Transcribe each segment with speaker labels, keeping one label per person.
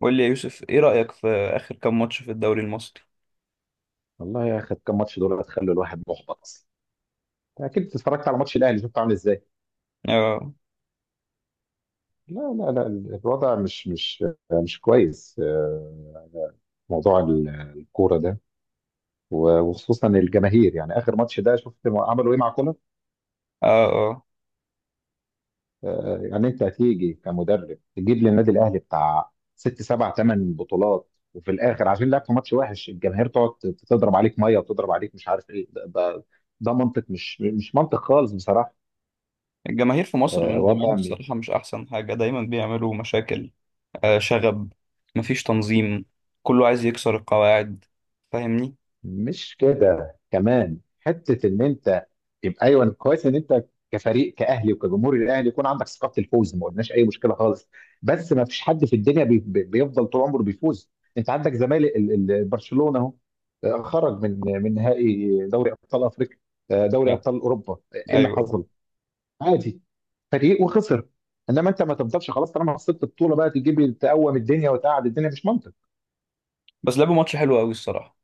Speaker 1: قول لي يا يوسف، ايه رأيك في آخر كام ماتش في الدوري المصري؟
Speaker 2: والله يا اخي كم ماتش دول هتخلوا الواحد محبط اصلا. أنت اكيد اتفرجت على ماتش الاهلي شفته عامل ازاي.
Speaker 1: اه،
Speaker 2: لا لا لا، الوضع مش مش كويس. موضوع الكوره ده، وخصوصا الجماهير، يعني اخر ماتش ده شفت ما عملوا ايه مع كولر.
Speaker 1: اه، اه،
Speaker 2: يعني انت هتيجي كمدرب تجيب للنادي الاهلي بتاع 6 7 8 بطولات، وفي الاخر عشان لعبت ماتش وحش الجماهير تقعد تضرب عليك ميه وتضرب عليك مش عارف ايه، ده ده منطق، مش منطق خالص بصراحه.
Speaker 1: الجماهير في مصر من زمان
Speaker 2: وضع.
Speaker 1: بصراحة مش أحسن حاجة، دايما بيعملوا مشاكل. آه، شغب. مفيش تنظيم. كله عايز يكسر القواعد. فاهمني؟
Speaker 2: مش كده، كمان حته ان انت يبقى ايوه كويس ان انت كفريق كاهلي وكجمهور الاهلي يكون عندك ثقه الفوز، ما قلناش اي مشكله خالص. بس ما فيش حد في الدنيا بيفضل طول عمره بيفوز. انت عندك زمالك، برشلونه اهو. خرج من نهائي دوري ابطال افريقيا. دوري
Speaker 1: لا.
Speaker 2: ابطال اوروبا، ايه اللي
Speaker 1: أيوه،
Speaker 2: حصل؟ عادي، فريق وخسر. انما انت ما تفضلش خلاص، طالما خسرت البطوله بقى تجيب تقوم الدنيا وتقعد الدنيا، مش منطق.
Speaker 1: بس لعبوا ماتش حلو أوي الصراحة.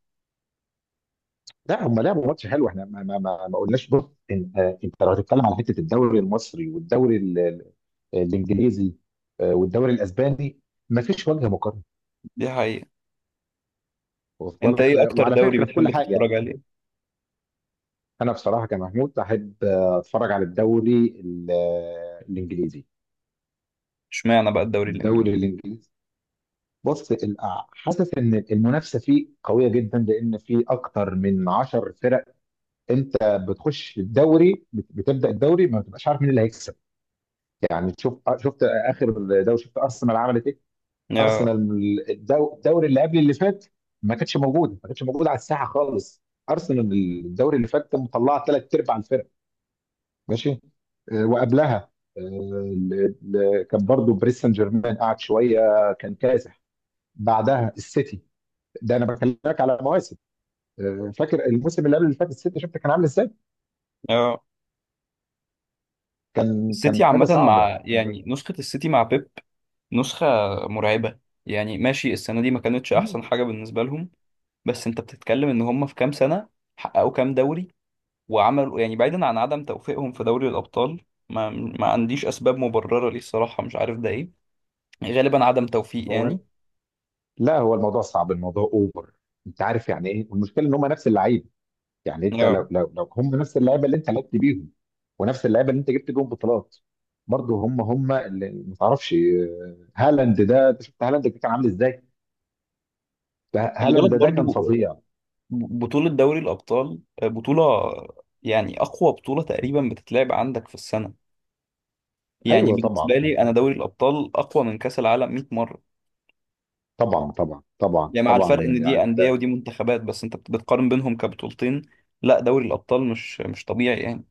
Speaker 2: لا هم لعبوا ماتش حلو، احنا ما قلناش. بص، انت لو هتتكلم على حته الدوري المصري والدوري الانجليزي، والدوري الاسباني، ما فيش وجه مقارنه.
Speaker 1: دي حقيقة.
Speaker 2: واصل
Speaker 1: أنت
Speaker 2: لك،
Speaker 1: ايه أكتر
Speaker 2: وعلى
Speaker 1: دوري
Speaker 2: فكره في كل
Speaker 1: بتحب
Speaker 2: حاجه
Speaker 1: تتفرج
Speaker 2: يعني.
Speaker 1: عليه؟
Speaker 2: انا بصراحه كمحمود احب اتفرج على الدوري الانجليزي.
Speaker 1: اشمعنى بقى الدوري
Speaker 2: الدوري
Speaker 1: الإنجليزي؟
Speaker 2: الانجليزي، بص حاسس ان المنافسه فيه قويه جدا، لان في اكتر من 10 فرق. انت بتخش الدوري، بتبدا الدوري ما بتبقاش عارف مين اللي هيكسب. يعني تشوف، شفت اخر دوري شفت ارسنال عملت ايه؟
Speaker 1: اه،
Speaker 2: ارسنال الدوري اللي قبل اللي فات، ما كانتش موجوده على الساحه خالص. ارسنال الدوري اللي فات مطلعه ثلاث ارباع الفرق. ماشي. وقبلها كان برضو باريس سان جيرمان قعد شويه، كان كاسح. بعدها السيتي. ده انا بكلمك على مواسم. فاكر الموسم اللي قبل اللي فات السيتي شفت كان عامل ازاي؟
Speaker 1: اه،
Speaker 2: كان
Speaker 1: السيتي
Speaker 2: كان حاجه
Speaker 1: عامة
Speaker 2: صعبه.
Speaker 1: مع، يعني نسخة السيتي مع بيب، نسخة مرعبة. يعني ماشي، السنة دي ما كانتش أحسن حاجة بالنسبة لهم، بس انت بتتكلم ان هم في كام سنه حققوا كام دوري، وعملوا يعني بعيدا عن عدم توفيقهم في دوري الابطال، ما عنديش اسباب مبرره ليه الصراحه، مش عارف ده ايه، غالبا عدم توفيق
Speaker 2: هو
Speaker 1: يعني.
Speaker 2: لا هو الموضوع صعب، الموضوع اوفر. انت عارف يعني ايه، والمشكله ان هم نفس اللعيبه. يعني انت
Speaker 1: آه.
Speaker 2: لو هم نفس اللعيبه اللي انت لعبت بيهم، ونفس اللعيبه اللي انت جبت بيهم بطولات، برضه هم اللي ما تعرفش. هالاند ده انت شفت هالاند كان عامل ازاي، ده
Speaker 1: خلي بالك
Speaker 2: هالاند ده
Speaker 1: برضو
Speaker 2: كان فظيع.
Speaker 1: بطوله دوري الابطال، بطوله يعني اقوى بطوله تقريبا بتتلعب عندك في السنه. يعني
Speaker 2: ايوه
Speaker 1: بالنسبه
Speaker 2: طبعا.
Speaker 1: لي انا دوري الابطال اقوى من كاس العالم 100 مره.
Speaker 2: طبعا طبعا طبعا
Speaker 1: يعني مع الفرق
Speaker 2: طبعا،
Speaker 1: ان دي
Speaker 2: يعني
Speaker 1: انديه
Speaker 2: انت.
Speaker 1: ودي منتخبات، بس انت بتقارن بينهم كبطولتين. لا دوري الابطال مش طبيعي يعني.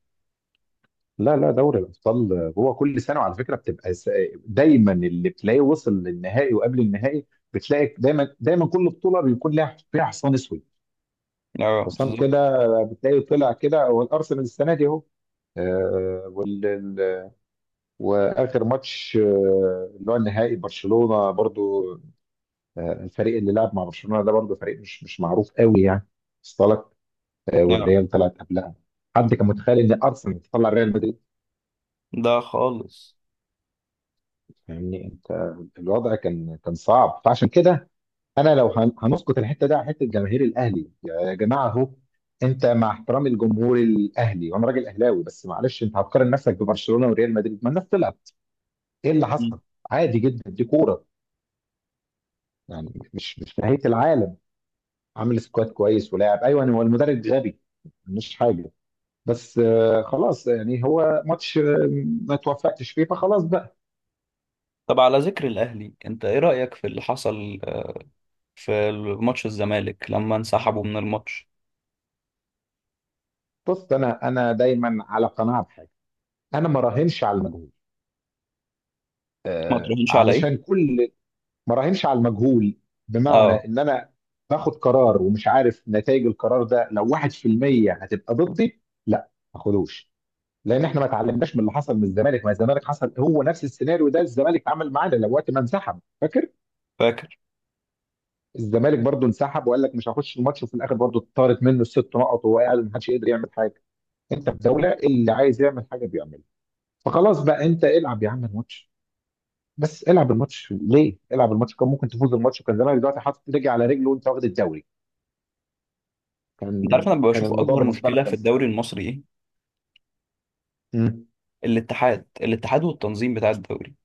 Speaker 2: لا لا، دوري الابطال هو كل سنه، وعلى فكره بتبقى دايما اللي بتلاقيه وصل للنهائي وقبل النهائي، بتلاقي دايما دايما كل بطوله بيكون لها فيها حصان اسود.
Speaker 1: اه
Speaker 2: حسام
Speaker 1: بالظبط.
Speaker 2: كده، بتلاقيه طلع كده، هو الارسنال السنه دي اهو. آه، وال... ال- واخر ماتش اللي هو النهائي برشلونه برضو. الفريق اللي لعب مع برشلونه ده برضو فريق مش معروف قوي يعني. اصطلك.
Speaker 1: اه.
Speaker 2: والريال طلعت قبلها. حد كان متخيل ان ارسنال تطلع ريال مدريد؟
Speaker 1: ده خالص.
Speaker 2: يعني انت الوضع كان صعب، فعشان كده انا لو هنسقط الحته دي على حته جماهير الاهلي يا جماعه اهو، انت مع احترام الجمهور الاهلي وانا راجل اهلاوي، بس معلش انت هتقارن نفسك ببرشلونه وريال مدريد؟ ما الناس تلعب، ايه اللي حصل؟
Speaker 1: مم.
Speaker 2: عادي جدا، دي كوره، يعني مش نهايه العالم. عامل سكواد كويس ولاعب، ايوه هو المدرب غبي، مش حاجه. بس خلاص يعني هو ماتش، ما توفقتش فيه فخلاص بقى.
Speaker 1: طب على ذكر الاهلي، انت ايه رايك في اللي حصل في ماتش الزمالك لما انسحبوا من الماتش؟
Speaker 2: بص انا دايما على قناعه بحاجه، انا ما راهنش على المجهول.
Speaker 1: ما تراهنش على
Speaker 2: علشان
Speaker 1: ايه؟
Speaker 2: كل ما راهنش على المجهول، بمعنى
Speaker 1: اه.
Speaker 2: ان انا باخد قرار ومش عارف نتائج القرار ده، لو 1% هتبقى ضدي. لا ما اخدوش، لان احنا ما اتعلمناش من اللي حصل من الزمالك، ما الزمالك حصل هو نفس السيناريو ده الزمالك عمل معانا، لو وقت ما انسحب فاكر،
Speaker 1: فاكر.
Speaker 2: الزمالك برضو انسحب وقال لك مش هخش الماتش، وفي الاخر برضو اتطارت منه الست نقط وهو قاعد، ما حدش يقدر يعمل حاجه. انت في دوله اللي عايز يعمل حاجه بيعملها. فخلاص بقى انت العب يا عم الماتش، بس العب الماتش ليه؟ العب الماتش كان ممكن تفوز الماتش وكان زمانك دلوقتي حاطط رجل على رجل وانت واخد الدوري. كان
Speaker 1: انت عارف انا
Speaker 2: كان
Speaker 1: بشوف
Speaker 2: الموضوع
Speaker 1: اكبر
Speaker 2: بالنسبه لك
Speaker 1: مشكله في
Speaker 2: خلص.
Speaker 1: الدوري المصري ايه؟
Speaker 2: مم.
Speaker 1: الاتحاد، الاتحاد والتنظيم بتاع الدوري.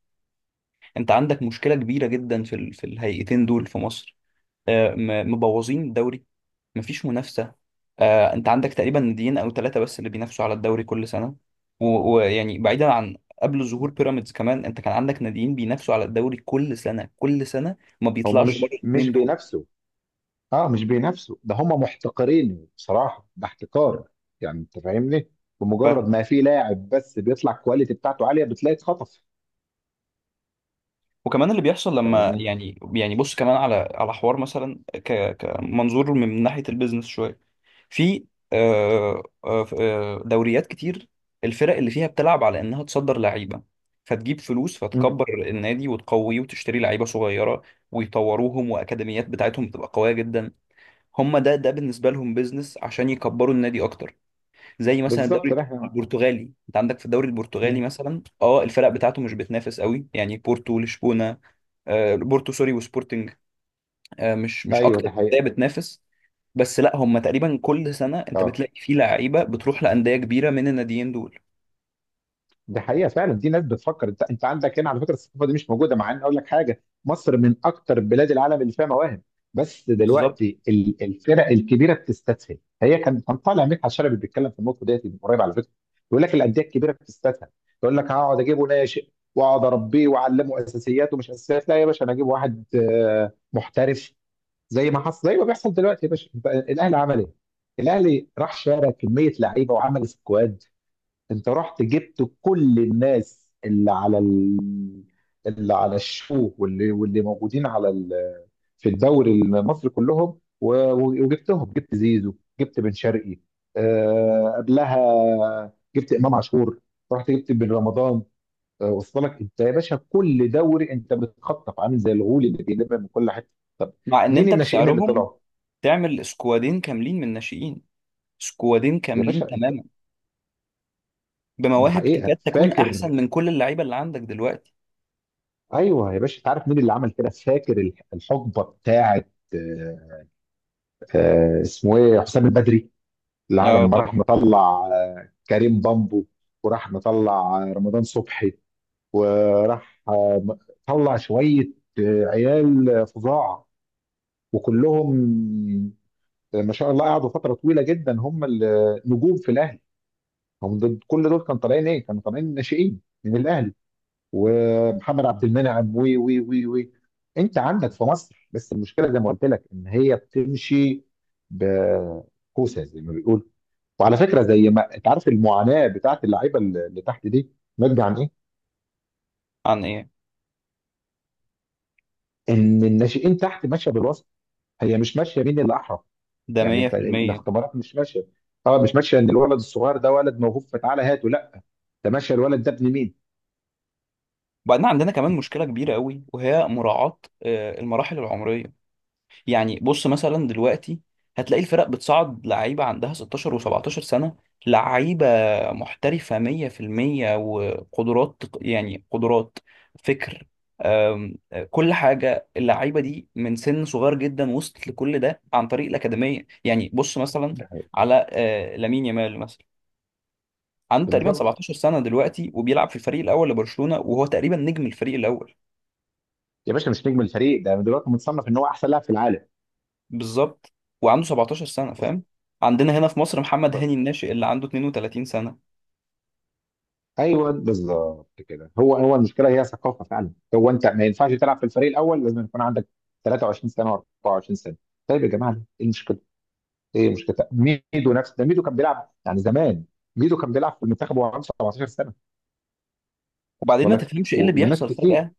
Speaker 1: انت عندك مشكله كبيره جدا في ال... في الهيئتين دول في مصر. مبوظين الدوري. مفيش منافسة. آه، انت عندك تقريبا ناديين او ثلاثة بس اللي بينافسوا على الدوري كل سنة. و- ويعني بعيدا، عن قبل ظهور بيراميدز كمان، انت كان عندك ناديين بينافسوا على الدوري كل سنة كل سنة. ما
Speaker 2: هم
Speaker 1: بيطلعش بره
Speaker 2: مش
Speaker 1: الاثنين دول.
Speaker 2: بينافسوا، اه مش بينافسوا، ده هم محتقرين بصراحه، ده احتكار. يعني انت فاهمني، بمجرد
Speaker 1: فاهم.
Speaker 2: ما في لاعب بس بيطلع الكواليتي بتاعته عاليه بتلاقي اتخطف.
Speaker 1: وكمان اللي بيحصل لما،
Speaker 2: فاهمني.
Speaker 1: يعني بص كمان على، على حوار مثلا كمنظور من ناحية البيزنس شوية. في دوريات كتير، الفرق اللي فيها بتلعب على انها تصدر لعيبه، فتجيب فلوس،
Speaker 2: مم.
Speaker 1: فتكبر النادي وتقويه وتشتري لعيبه صغيره، ويطوروهم، واكاديميات بتاعتهم بتبقى قويه جدا. هم ده بالنسبه لهم بيزنس عشان يكبروا النادي اكتر. زي مثلا
Speaker 2: بالظبط
Speaker 1: الدوري
Speaker 2: احنا.
Speaker 1: البرتغالي، انت عندك في الدوري البرتغالي
Speaker 2: مم.
Speaker 1: مثلا، اه، الفرق بتاعته مش بتنافس قوي، يعني بورتو لشبونه، بورتو سوري وسبورتنج، مش
Speaker 2: ايوه
Speaker 1: اكتر
Speaker 2: ده حقيقه.
Speaker 1: انديه بتنافس. بس لا، هم تقريبا كل سنه انت
Speaker 2: اه
Speaker 1: بتلاقي فيه لعيبه بتروح لانديه كبيره من الناديين دول.
Speaker 2: دي حقيقة فعلا، دي ناس بتفكر. انت عندك هنا على فكرة الثقافة دي مش موجودة، مع ان اقول لك حاجة، مصر من اكتر بلاد العالم اللي فيها مواهب. بس
Speaker 1: بالظبط.
Speaker 2: دلوقتي الفرق الكبيرة بتستسهل. هي كان طالع مدحت شلبي بيتكلم في النقطة ديت من قريب على فكرة، يقول لك الأندية الكبيرة بتستسهل. تقول لك هقعد اجيبه ناشئ واقعد اربيه واعلمه اساسيات ومش اساسيات، لا يا باشا انا اجيب واحد محترف. زي ما حصل، زي ما بيحصل دلوقتي يا باشا، الاهلي عمل ايه؟ الاهلي راح شارى كمية لعيبة وعمل سكواد. انت رحت جبت كل الناس اللي على ال... اللي على الشو، واللي موجودين على ال... في الدوري المصري كلهم، وجبتهم، جبت زيزو، جبت بن شرقي، آه... قبلها جبت امام عاشور، رحت جبت بن رمضان. وصل لك انت يا باشا، كل دوري انت بتخطف عامل زي الغول اللي بيلم من كل حته. طب
Speaker 1: مع ان
Speaker 2: مين
Speaker 1: انت
Speaker 2: الناشئين اللي
Speaker 1: بسعرهم
Speaker 2: طلعوا
Speaker 1: تعمل سكوادين كاملين من الناشئين، سكوادين
Speaker 2: يا
Speaker 1: كاملين
Speaker 2: باشا انت؟
Speaker 1: تماما،
Speaker 2: ده
Speaker 1: بمواهب
Speaker 2: حقيقه
Speaker 1: تكاد تكون
Speaker 2: فاكر.
Speaker 1: احسن من كل اللعيبه اللي عندك دلوقتي.
Speaker 2: ايوه يا باشا، انت عارف مين اللي عمل كده؟ فاكر الحقبه بتاعت اسمه ايه، حسام البدري، اللي
Speaker 1: اه
Speaker 2: لما راح
Speaker 1: طبعا.
Speaker 2: مطلع كريم بامبو، وراح مطلع رمضان صبحي، وراح طلع شويه عيال فظاع، وكلهم ما شاء الله قعدوا فتره طويله جدا هم النجوم في الاهلي. هم دول، كل دول كانوا طالعين ايه؟ كانوا طالعين ناشئين من الاهلي. ومحمد عبد المنعم وي وي وي وي انت عندك في مصر. بس المشكله زي ما قلت لك ان هي بتمشي بكوسه زي ما بيقول. وعلى فكره زي ما انت عارف، المعاناه بتاعت اللعيبه اللي تحت دي ناتجه عن ايه؟
Speaker 1: عن ايه؟
Speaker 2: ان الناشئين تحت ماشيه بالوسط، هي مش ماشيه. مين اللي احرف،
Speaker 1: ده
Speaker 2: يعني انت
Speaker 1: 100%.
Speaker 2: الاختبارات مش ماشيه. طبعا مش ماشيه ان الولد الصغير ده ولد موهوب فتعالى هاته، لا، ده ماشيه الولد ده ابن مين؟
Speaker 1: وبعدين عندنا كمان مشكله كبيره قوي، وهي مراعاه المراحل العمريه. يعني بص مثلا دلوقتي، هتلاقي الفرق بتصعد لعيبة عندها 16 و17 سنة، لعيبة محترفة 100%، وقدرات يعني قدرات، فكر، أم، كل حاجة. اللعيبة دي من سن صغير جدا وصلت لكل ده عن طريق الأكاديمية. يعني بص مثلا
Speaker 2: ده-
Speaker 1: على لامين يامال مثلا، عنده تقريبا
Speaker 2: بالظبط.
Speaker 1: 17 سنة دلوقتي، وبيلعب في الفريق الأول لبرشلونة، وهو تقريبا نجم الفريق الأول.
Speaker 2: يا باشا مش نجم الفريق، ده دلوقتي متصنف ان هو احسن لاعب في
Speaker 1: بالظبط. وعنده 17 سنة،
Speaker 2: العالم.
Speaker 1: فاهم؟ عندنا هنا في مصر محمد هاني الناشئ اللي عنده 32 سنة.
Speaker 2: ايوه بالظبط كده، هو المشكله هي ثقافه فعلا. هو انت ما ينفعش تلعب في الفريق الاول لازم يكون عندك 23 سنه و24 سنه؟ طيب يا جماعه ايه المشكله؟ ايه المشكله؟ ميدو نفس ده، ميدو كان بيلعب يعني زمان، ميدو كان بيلعب في المنتخب وهو عنده 17 سنه.
Speaker 1: وبعدين
Speaker 2: وصل
Speaker 1: ما
Speaker 2: لك
Speaker 1: تفهمش ايه اللي
Speaker 2: وناس
Speaker 1: بيحصل
Speaker 2: كتير.
Speaker 1: فجأة،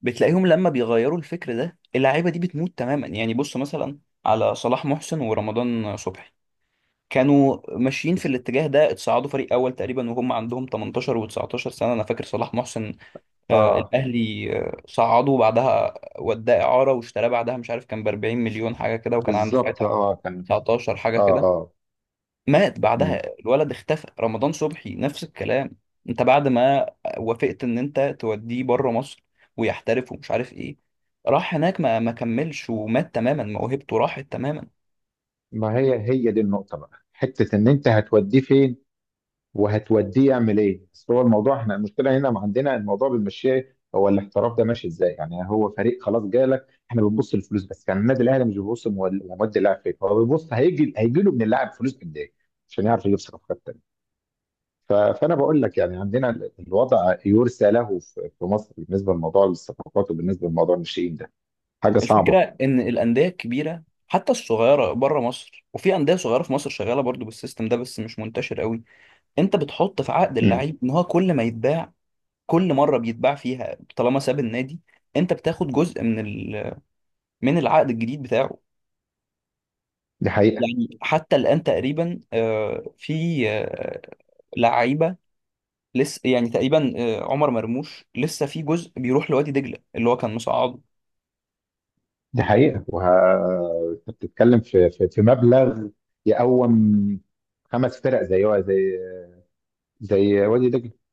Speaker 1: بتلاقيهم لما بيغيروا الفكر ده اللعيبة دي بتموت تماما. يعني بص مثلا على صلاح محسن ورمضان صبحي، كانوا ماشيين في
Speaker 2: بس
Speaker 1: الاتجاه ده، اتصعدوا فريق اول تقريبا وهم عندهم 18 و19 سنة. انا فاكر صلاح محسن، آه
Speaker 2: اه
Speaker 1: الاهلي آه صعده، وبعدها وداه اعارة واشتراه بعدها، مش عارف كان ب 40 مليون حاجة كده، وكان عنده
Speaker 2: بالظبط،
Speaker 1: ساعتها
Speaker 2: اه كان،
Speaker 1: 19 حاجة
Speaker 2: اه
Speaker 1: كده.
Speaker 2: اه.
Speaker 1: مات بعدها
Speaker 2: مم.
Speaker 1: الولد، اختفى. رمضان صبحي نفس الكلام، انت بعد ما وافقت ان انت توديه بره مصر ويحترف ومش عارف ايه، راح هناك ما كملش، ومات تماما، موهبته راحت تماما.
Speaker 2: ما هي هي دي النقطه بقى، حته ان انت هتوديه فين وهتوديه يعمل ايه؟ اصل هو الموضوع احنا المشكله هنا ما عندنا، الموضوع بنمشيه هو الاحتراف ده ماشي ازاي؟ يعني هو فريق خلاص جالك، احنا بنبص للفلوس بس. يعني النادي الاهلي مش بيبص مودي اللاعب فين، هو بيبص هيجي له من اللاعب فلوس قد ايه، عشان يعرف يجيب صفقات تانيه. فانا بقول لك يعني عندنا الوضع يرثى له في, مصر بالنسبه لموضوع الصفقات وبالنسبه لموضوع الناشئين ده، حاجه صعبه.
Speaker 1: الفكره ان الانديه الكبيره، حتى الصغيره بره مصر، وفي انديه صغيره في مصر شغاله برضو بالسيستم ده بس مش منتشر قوي، انت بتحط في عقد
Speaker 2: امم،
Speaker 1: اللعيب ان هو كل ما يتباع، كل مره بيتباع فيها طالما ساب النادي، انت بتاخد جزء من ال... من العقد الجديد بتاعه.
Speaker 2: دي حقيقه.
Speaker 1: يعني حتى الآن تقريبا في لعيبة لسه، يعني تقريبا عمر مرموش لسه في جزء بيروح لوادي دجلة اللي هو كان مصعد
Speaker 2: دي حقيقة وه... انت بتتكلم في مبلغ يقوم خمس فرق زي زي وادي دجلة.